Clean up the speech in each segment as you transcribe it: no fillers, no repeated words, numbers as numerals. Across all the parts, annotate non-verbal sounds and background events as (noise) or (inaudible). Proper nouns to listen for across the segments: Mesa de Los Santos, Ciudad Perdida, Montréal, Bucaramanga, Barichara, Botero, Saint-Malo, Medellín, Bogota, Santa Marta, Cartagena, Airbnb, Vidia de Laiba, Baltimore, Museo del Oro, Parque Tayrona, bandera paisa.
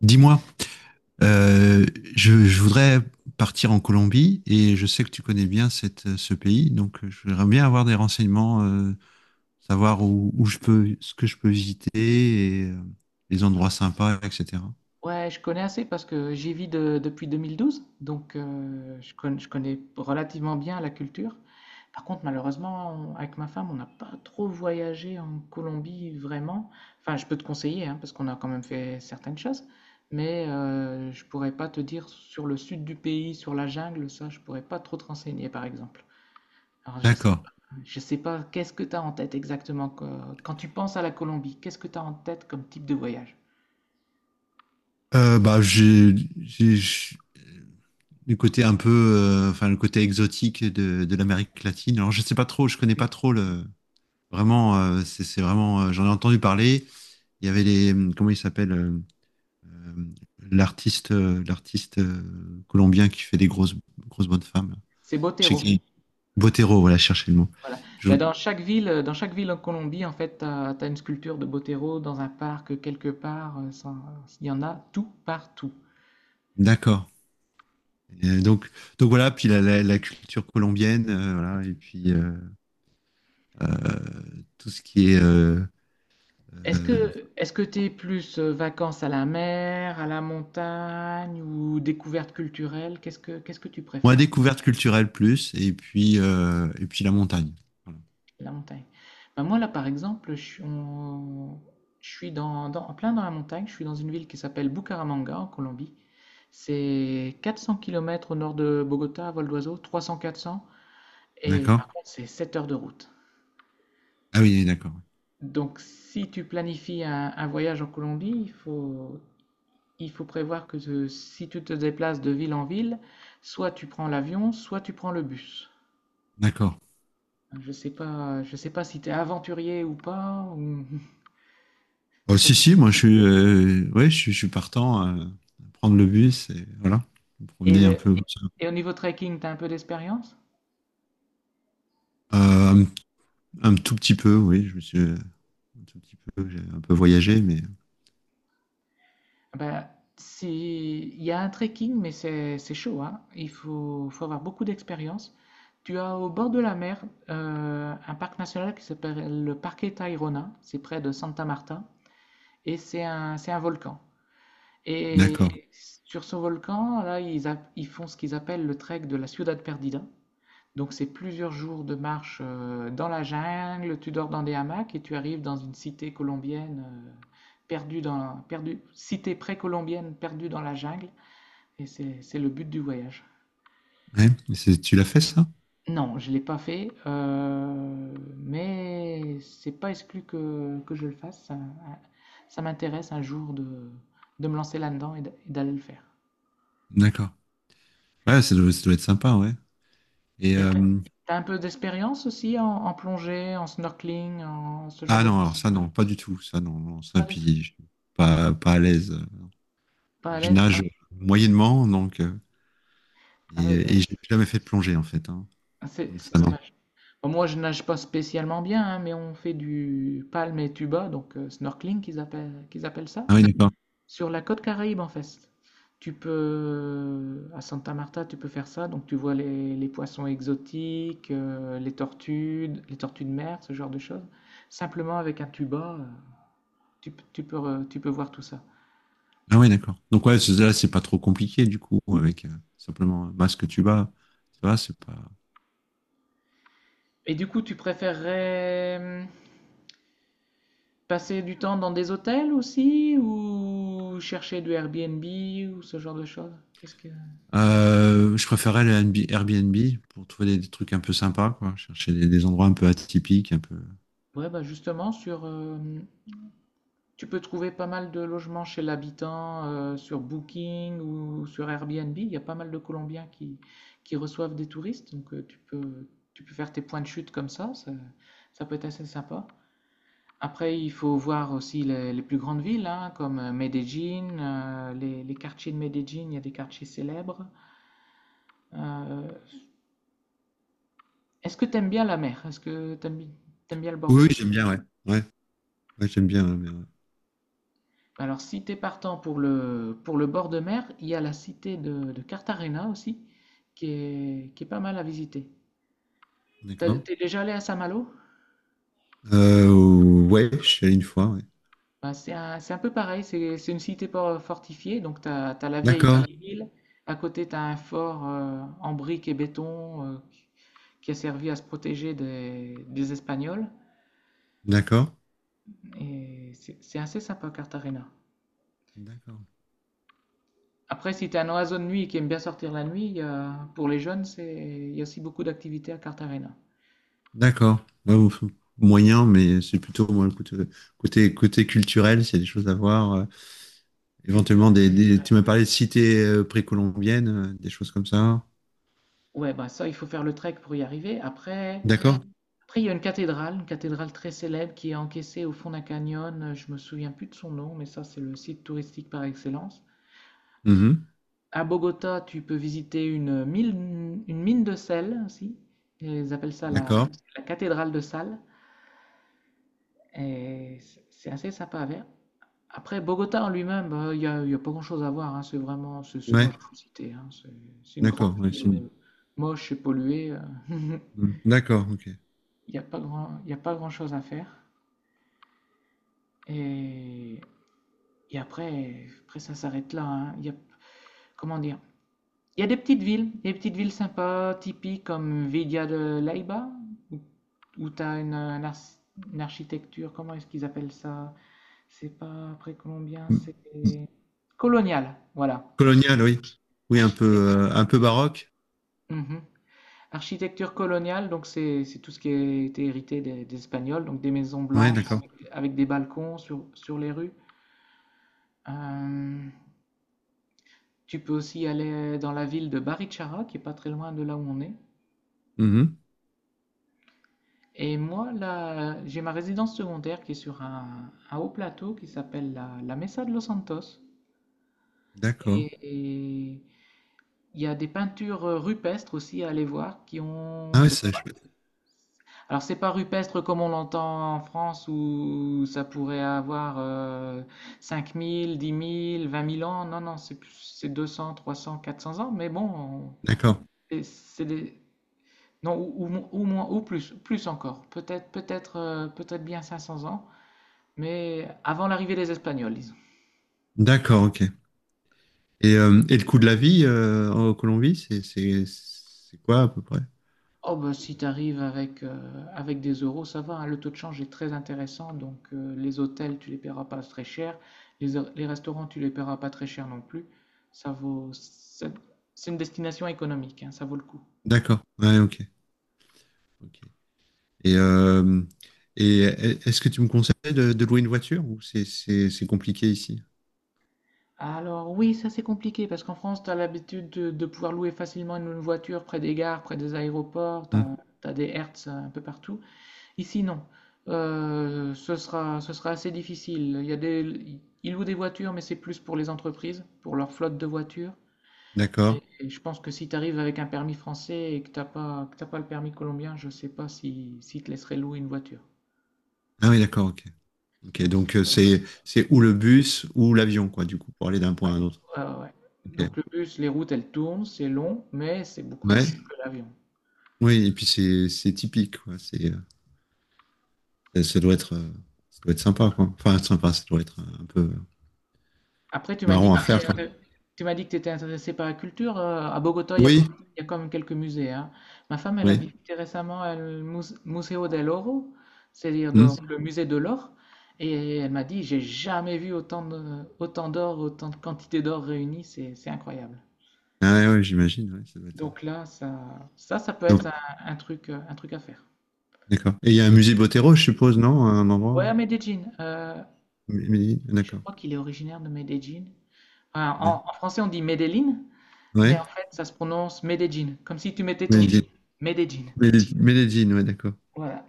Dis-moi, euh, je voudrais partir en Colombie et je sais que tu connais bien ce pays, donc je voudrais bien avoir des renseignements, savoir où je peux, ce que je peux visiter et les endroits sympas, etc. Ouais, je connais assez parce que j'y vis depuis 2012, donc je connais relativement bien la culture. Par contre, malheureusement, avec ma femme, on n'a pas trop voyagé en Colombie vraiment. Enfin, je peux te conseiller, hein, parce qu'on a quand même fait certaines choses, mais je pourrais pas te dire sur le sud du pays, sur la jungle, ça, je pourrais pas trop te renseigner, par exemple. Alors, D'accord. je sais pas, qu'est-ce que tu as en tête exactement quand tu penses à la Colombie, qu'est-ce que tu as en tête comme type de voyage? Bah, j'ai- j'- le côté un peu, enfin le côté exotique de l'Amérique latine. Alors je sais pas trop, je connais pas trop le. Vraiment, c'est vraiment, j'en ai entendu parler. Il y avait les, comment ils s'appellent? euh, l'artiste l'artiste colombien qui fait des grosses bonnes femmes. C'est Je sais Botero. qui Botero, voilà, cherchez le mot. Voilà. Je- Mais dans chaque ville en Colombie, en fait, as une sculpture de Botero dans un parc quelque part. Il y en a tout partout. D'accord. Et donc voilà, puis la culture colombienne, voilà, et puis tout ce qui est Est-ce euh, que, est-ce que t'es plus vacances à la mer, à la montagne ou découverte culturelle? Qu'est-ce que tu moi préfères? découverte culturelle plus, et puis la montagne. Voilà. La montagne. Ben moi là, par exemple, je suis en plein dans la montagne. Je suis dans une ville qui s'appelle Bucaramanga en Colombie. C'est 400 km au nord de Bogota à vol d'oiseau, 300-400. Et D'accord? par contre, c'est 7 heures de route. Ah oui, d'accord, ouais. Donc, si tu planifies un voyage en Colombie, il faut prévoir si tu te déplaces de ville en ville, soit tu prends l'avion, soit tu prends le bus. D'accord. Je sais pas si tu es aventurier ou pas. Oh, (laughs) ça- si si, moi je suis ouais, je suis partant à prendre le bus et voilà, me Et, promener un peu comme ça. et au niveau trekking, tu as un peu d'expérience? Euh, Un tout petit peu, oui. Je me suis un tout petit peu, j'ai un peu voyagé, mais. Ben, si, il y a un trekking, mais c'est chaud, hein. Il faut, faut avoir beaucoup d'expérience. Tu as au bord de la mer un parc national qui s'appelle le Parque Tayrona, c'est près de Santa Marta, et c'est un volcan. Et D'accord. sur ce volcan, là, ils font ce qu'ils appellent le trek de la Ciudad Perdida. Donc c'est plusieurs jours de marche dans la jungle, tu dors dans des hamacs et tu arrives dans une cité colombienne perdue dans, perdue, cité précolombienne perdue dans la jungle, et c'est le but du voyage. Ouais, mais c'est- tu l'as fait ça? Non, je ne l'ai pas fait, mais c'est pas exclu que je le fasse. Ça m'intéresse un jour de me lancer là-dedans et et d'aller le faire. D'accord. Ouais, ça doit être sympa, ouais. Et Et après, t'as un peu d'expérience aussi en, en plongée, en snorkeling, en ce genre ah de non, alors choses? ça non, pas du tout, ça non, non, ça Pas du puis tout. je suis pas à l'aise. Pas à Je l'aise? nage moyennement, donc Ah et, ouais, bah, et j'ai jamais fait de plongée en fait, hein. c'est Donc c'est ça non. dommage. Bon, moi, je nage pas spécialement bien, hein, mais on fait du palme et tuba, donc snorkeling qu'ils appellent ça. Ah oui, d'accord. Sur la côte Caraïbe, en fait. Tu peux, à Santa Marta, tu peux faire ça. Donc, tu vois les poissons exotiques, les tortues de mer, ce genre de choses. Simplement avec un tuba, tu peux, tu peux voir tout ça. Ah oui, d'accord. Donc ouais, c'est- là, c'est pas trop compliqué du coup, avec simplement un masque tuba. Tu vois, c'est pas. Et du coup, tu préférerais passer du temps dans des hôtels aussi ou chercher du Airbnb ou ce genre de choses? Qu'est-ce que... Je préférais le NB Airbnb pour trouver des trucs un peu sympas, quoi. Chercher des endroits un peu atypiques, un peu. Ouais, bah justement, sur, tu peux trouver pas mal de logements chez l'habitant sur Booking ou sur Airbnb. Il y a pas mal de Colombiens qui reçoivent des touristes, donc tu peux faire tes points de chute comme ça peut être assez sympa. Après, il faut voir aussi les plus grandes villes, hein, comme Medellín, les quartiers de Medellín, il y a des quartiers célèbres. Euh, Est-ce que tu aimes bien la mer? Est-ce que tu aimes bien le bord de Oui, oui, mer? j'aime bien, ouais. Ouais, ouais, j'aime bien, ouais, mais ouais. Alors, si t'es partant pour le bord de mer, il y a la cité de Cartagena aussi, qui est pas mal à visiter. T'as- D'accord. T'es déjà allé à Saint-Malo? Euh, ouais, je suis allé une fois, ouais. Bah, c'est un peu pareil, c'est une cité fortifiée, donc t'as, t'as la vieille D'accord, ville, à côté t'as un fort en briques et béton qui a servi à se protéger des Espagnols, d'accord, et c'est assez sympa Cartagena. d'accord, Après, si t'es un oiseau de nuit et qui aime bien sortir la nuit, pour les jeunes, c'est, il y a aussi beaucoup d'activités à Cartagena. d'accord. Ouais, bon, moyen, mais c'est plutôt moi, le côté, côté, culturel, s'il y a des choses à voir. Éventuellement, Culturel. Tu m'as parlé de cités précolombiennes, des choses comme ça. Ouais, bah ça, il faut faire le trek pour y arriver. Après, D'accord? après, il y a une cathédrale très célèbre qui est encaissée au fond d'un canyon. Je me souviens plus de son nom, mais ça, c'est le site touristique par excellence. Mhm. À Bogota, tu peux visiter une mine de sel aussi. Ils appellent ça la, D'accord. la cathédrale de sal. Et c'est assez sympa à faire. Après, Bogota en lui-même, bah, il n'y a, il y a pas grand-chose à voir, hein. C'est vraiment, c'est Ouais, moche comme cité, hein. C'est une grande d'accord. Ouais, ville c'est- moche et polluée. (laughs) Mm. D'accord, ok. Il n'y a pas grand, il y a pas grand-chose à faire. Et, et après, après, ça s'arrête là, hein. Il y a, comment dire? Il y a des petites villes sympas, typiques comme Vidia de Laiba où, où tu as une, une architecture, comment est-ce qu'ils appellent ça? C'est pas précolombien, Mm. c'est colonial, voilà. Colonial, oui. Oui, Architecture. Un peu baroque. Mhm. Architecture coloniale, donc c'est tout ce qui a été hérité des Espagnols, donc des maisons Ouais, blanches d'accord. avec, avec des balcons sur, sur les rues. Euh, Tu peux aussi aller dans la ville de Barichara, qui est pas très loin de là où on est. Mhm. Et moi, là, j'ai ma résidence secondaire qui est sur un haut plateau qui s'appelle la, la Mesa de Los Santos. D'accord. Et il y a des peintures rupestres aussi à aller voir qui ont. Ah ouais, C'est ça, je- pas- Alors, c'est pas rupestre comme on l'entend en France où ça pourrait avoir 5 000, 10 000, 20 000 ans. Non, non, c'est 200, 300, 400 ans. Mais bon, D'accord. C'est des, non, ou, ou moins, ou plus, plus encore. Peut-être, peut-être, peut-être bien 500 ans, mais avant l'arrivée des Espagnols, disons. D'accord, ok. Et le coût de la vie en Colombie, c'est quoi à peu près? Oh, bah, si t'arrives avec, avec des euros, ça va, hein, le taux de change est très intéressant, donc les hôtels, tu les paieras pas très cher, les restaurants, tu les paieras pas très cher non plus. Ça vaut, c'est une destination économique, hein, ça vaut le coup. D'accord. Ouais, ok. Ok. Et, euh, et est-ce que tu me conseilles de louer une voiture ou c'est compliqué ici? Alors oui, ça c'est compliqué parce qu'en France, tu as l'habitude de pouvoir louer facilement une voiture près des gares, près des aéroports, tu Hmm, as, des Hertz un peu partout. Ici, non. Ce sera, ce sera assez difficile. Il y a des, ils louent des voitures, mais c'est plus pour les entreprises, pour leur flotte de voitures. d'accord. Et je pense que si tu arrives avec un permis français et que t'as pas le permis colombien, je sais pas si, si te laisseraient louer une voiture. Ah oui, d'accord, ok. Ok, Donc, c'est- donc c'est ou le bus ou l'avion, quoi, du coup, pour aller d'un point à ouais, un autre. ouais, ouais, ouais. Ok. Donc le bus, les routes, elles tournent, c'est long, mais c'est beaucoup moins Ouais. cher que l'avion. Oui, et puis c'est typique, quoi. C'est, ça, doit être, euh, ça doit être sympa, quoi. Enfin, sympa, ça doit être un peu Après, tu m'as dit marrant que à tu faire, étais, quoi. Tu m'as dit que tu étais intéressé par la culture. À Bogota, il y a quand Oui, il y a quand même quelques musées, hein. Ma femme, elle a oui. visité récemment le Museo del Oro, c'est-à-dire Hmm. donc le musée de l'or. Et elle m'a dit, j'ai jamais vu autant de, autant d'or, autant de quantité d'or réunie. C'est incroyable. Ah ouais, ouais, j'imagine, ouais, ça doit être... Donc là, ça peut être donc, un truc à faire. d'accord. Et il y a un musée Botero, je suppose, non? Un Ouais, à endroit? Medellín. Je D'accord. crois qu'il est originaire de Medellín. Enfin, Ouais. en, en français, on dit Medellín. Mais Ouais. en fait, ça se prononce Medellín, comme si tu mettais ton J. Medellín, Medellín. Medellín, Medellín, ouais, d'accord. Voilà.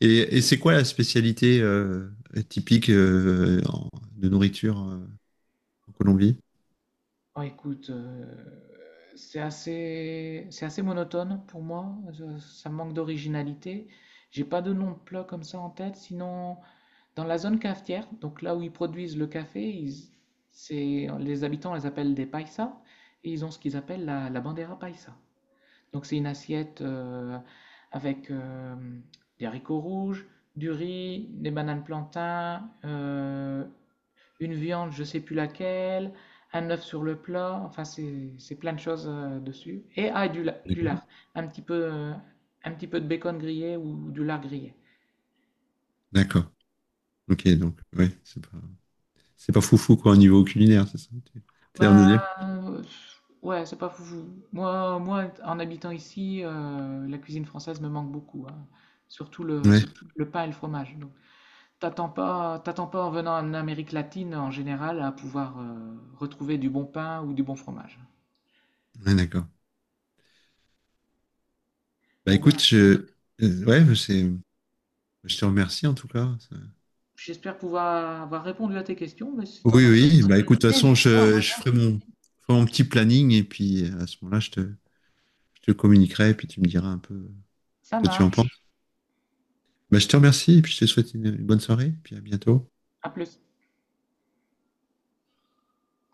Et c'est quoi la spécialité typique de nourriture en Colombie? Bon, écoute, c'est assez monotone pour moi. Je- ça manque d'originalité. J'ai pas de nom de plat comme ça en tête. Sinon, dans la zone cafetière, donc là où ils produisent le café, c'est, les habitants les appellent des paisas et ils ont ce qu'ils appellent la, la bandera paisa. Donc c'est une assiette avec des haricots rouges, du riz, des bananes plantains, une viande, je sais plus laquelle, un œuf sur le plat, enfin c'est plein de choses dessus. Et ah, et du D'accord. lard, un petit peu, euh, un petit peu de bacon grillé ou du lard grillé. D'accord. Ok, donc, ouais, c'est pas foufou, quoi, au niveau culinaire, c'est ça? Que tu- T'as l'air de Ben dire? euh, ouais, c'est pas fou. Moi, moi, en habitant ici, la cuisine française me manque beaucoup, hein. Surtout Ouais, le pain et le fromage. Donc. T'attends pas en venant en Amérique latine en général à pouvoir retrouver du bon pain ou du bon fromage. ouais, d'accord. Bah Bon ben, écoute, euh, ouais, c'est, je te remercie en tout cas. Ça- j'espère pouvoir avoir répondu à tes questions, mais si t'en Oui, as d'autres, oui, bah écoute, de toute façon, n'hésite pas, reviens. Je ferai mon petit planning et puis à ce moment-là, je te communiquerai et puis tu me diras un peu ce Ça que tu en marche. penses. Bah, je te remercie et puis je te souhaite une bonne soirée, et puis à bientôt. À plus.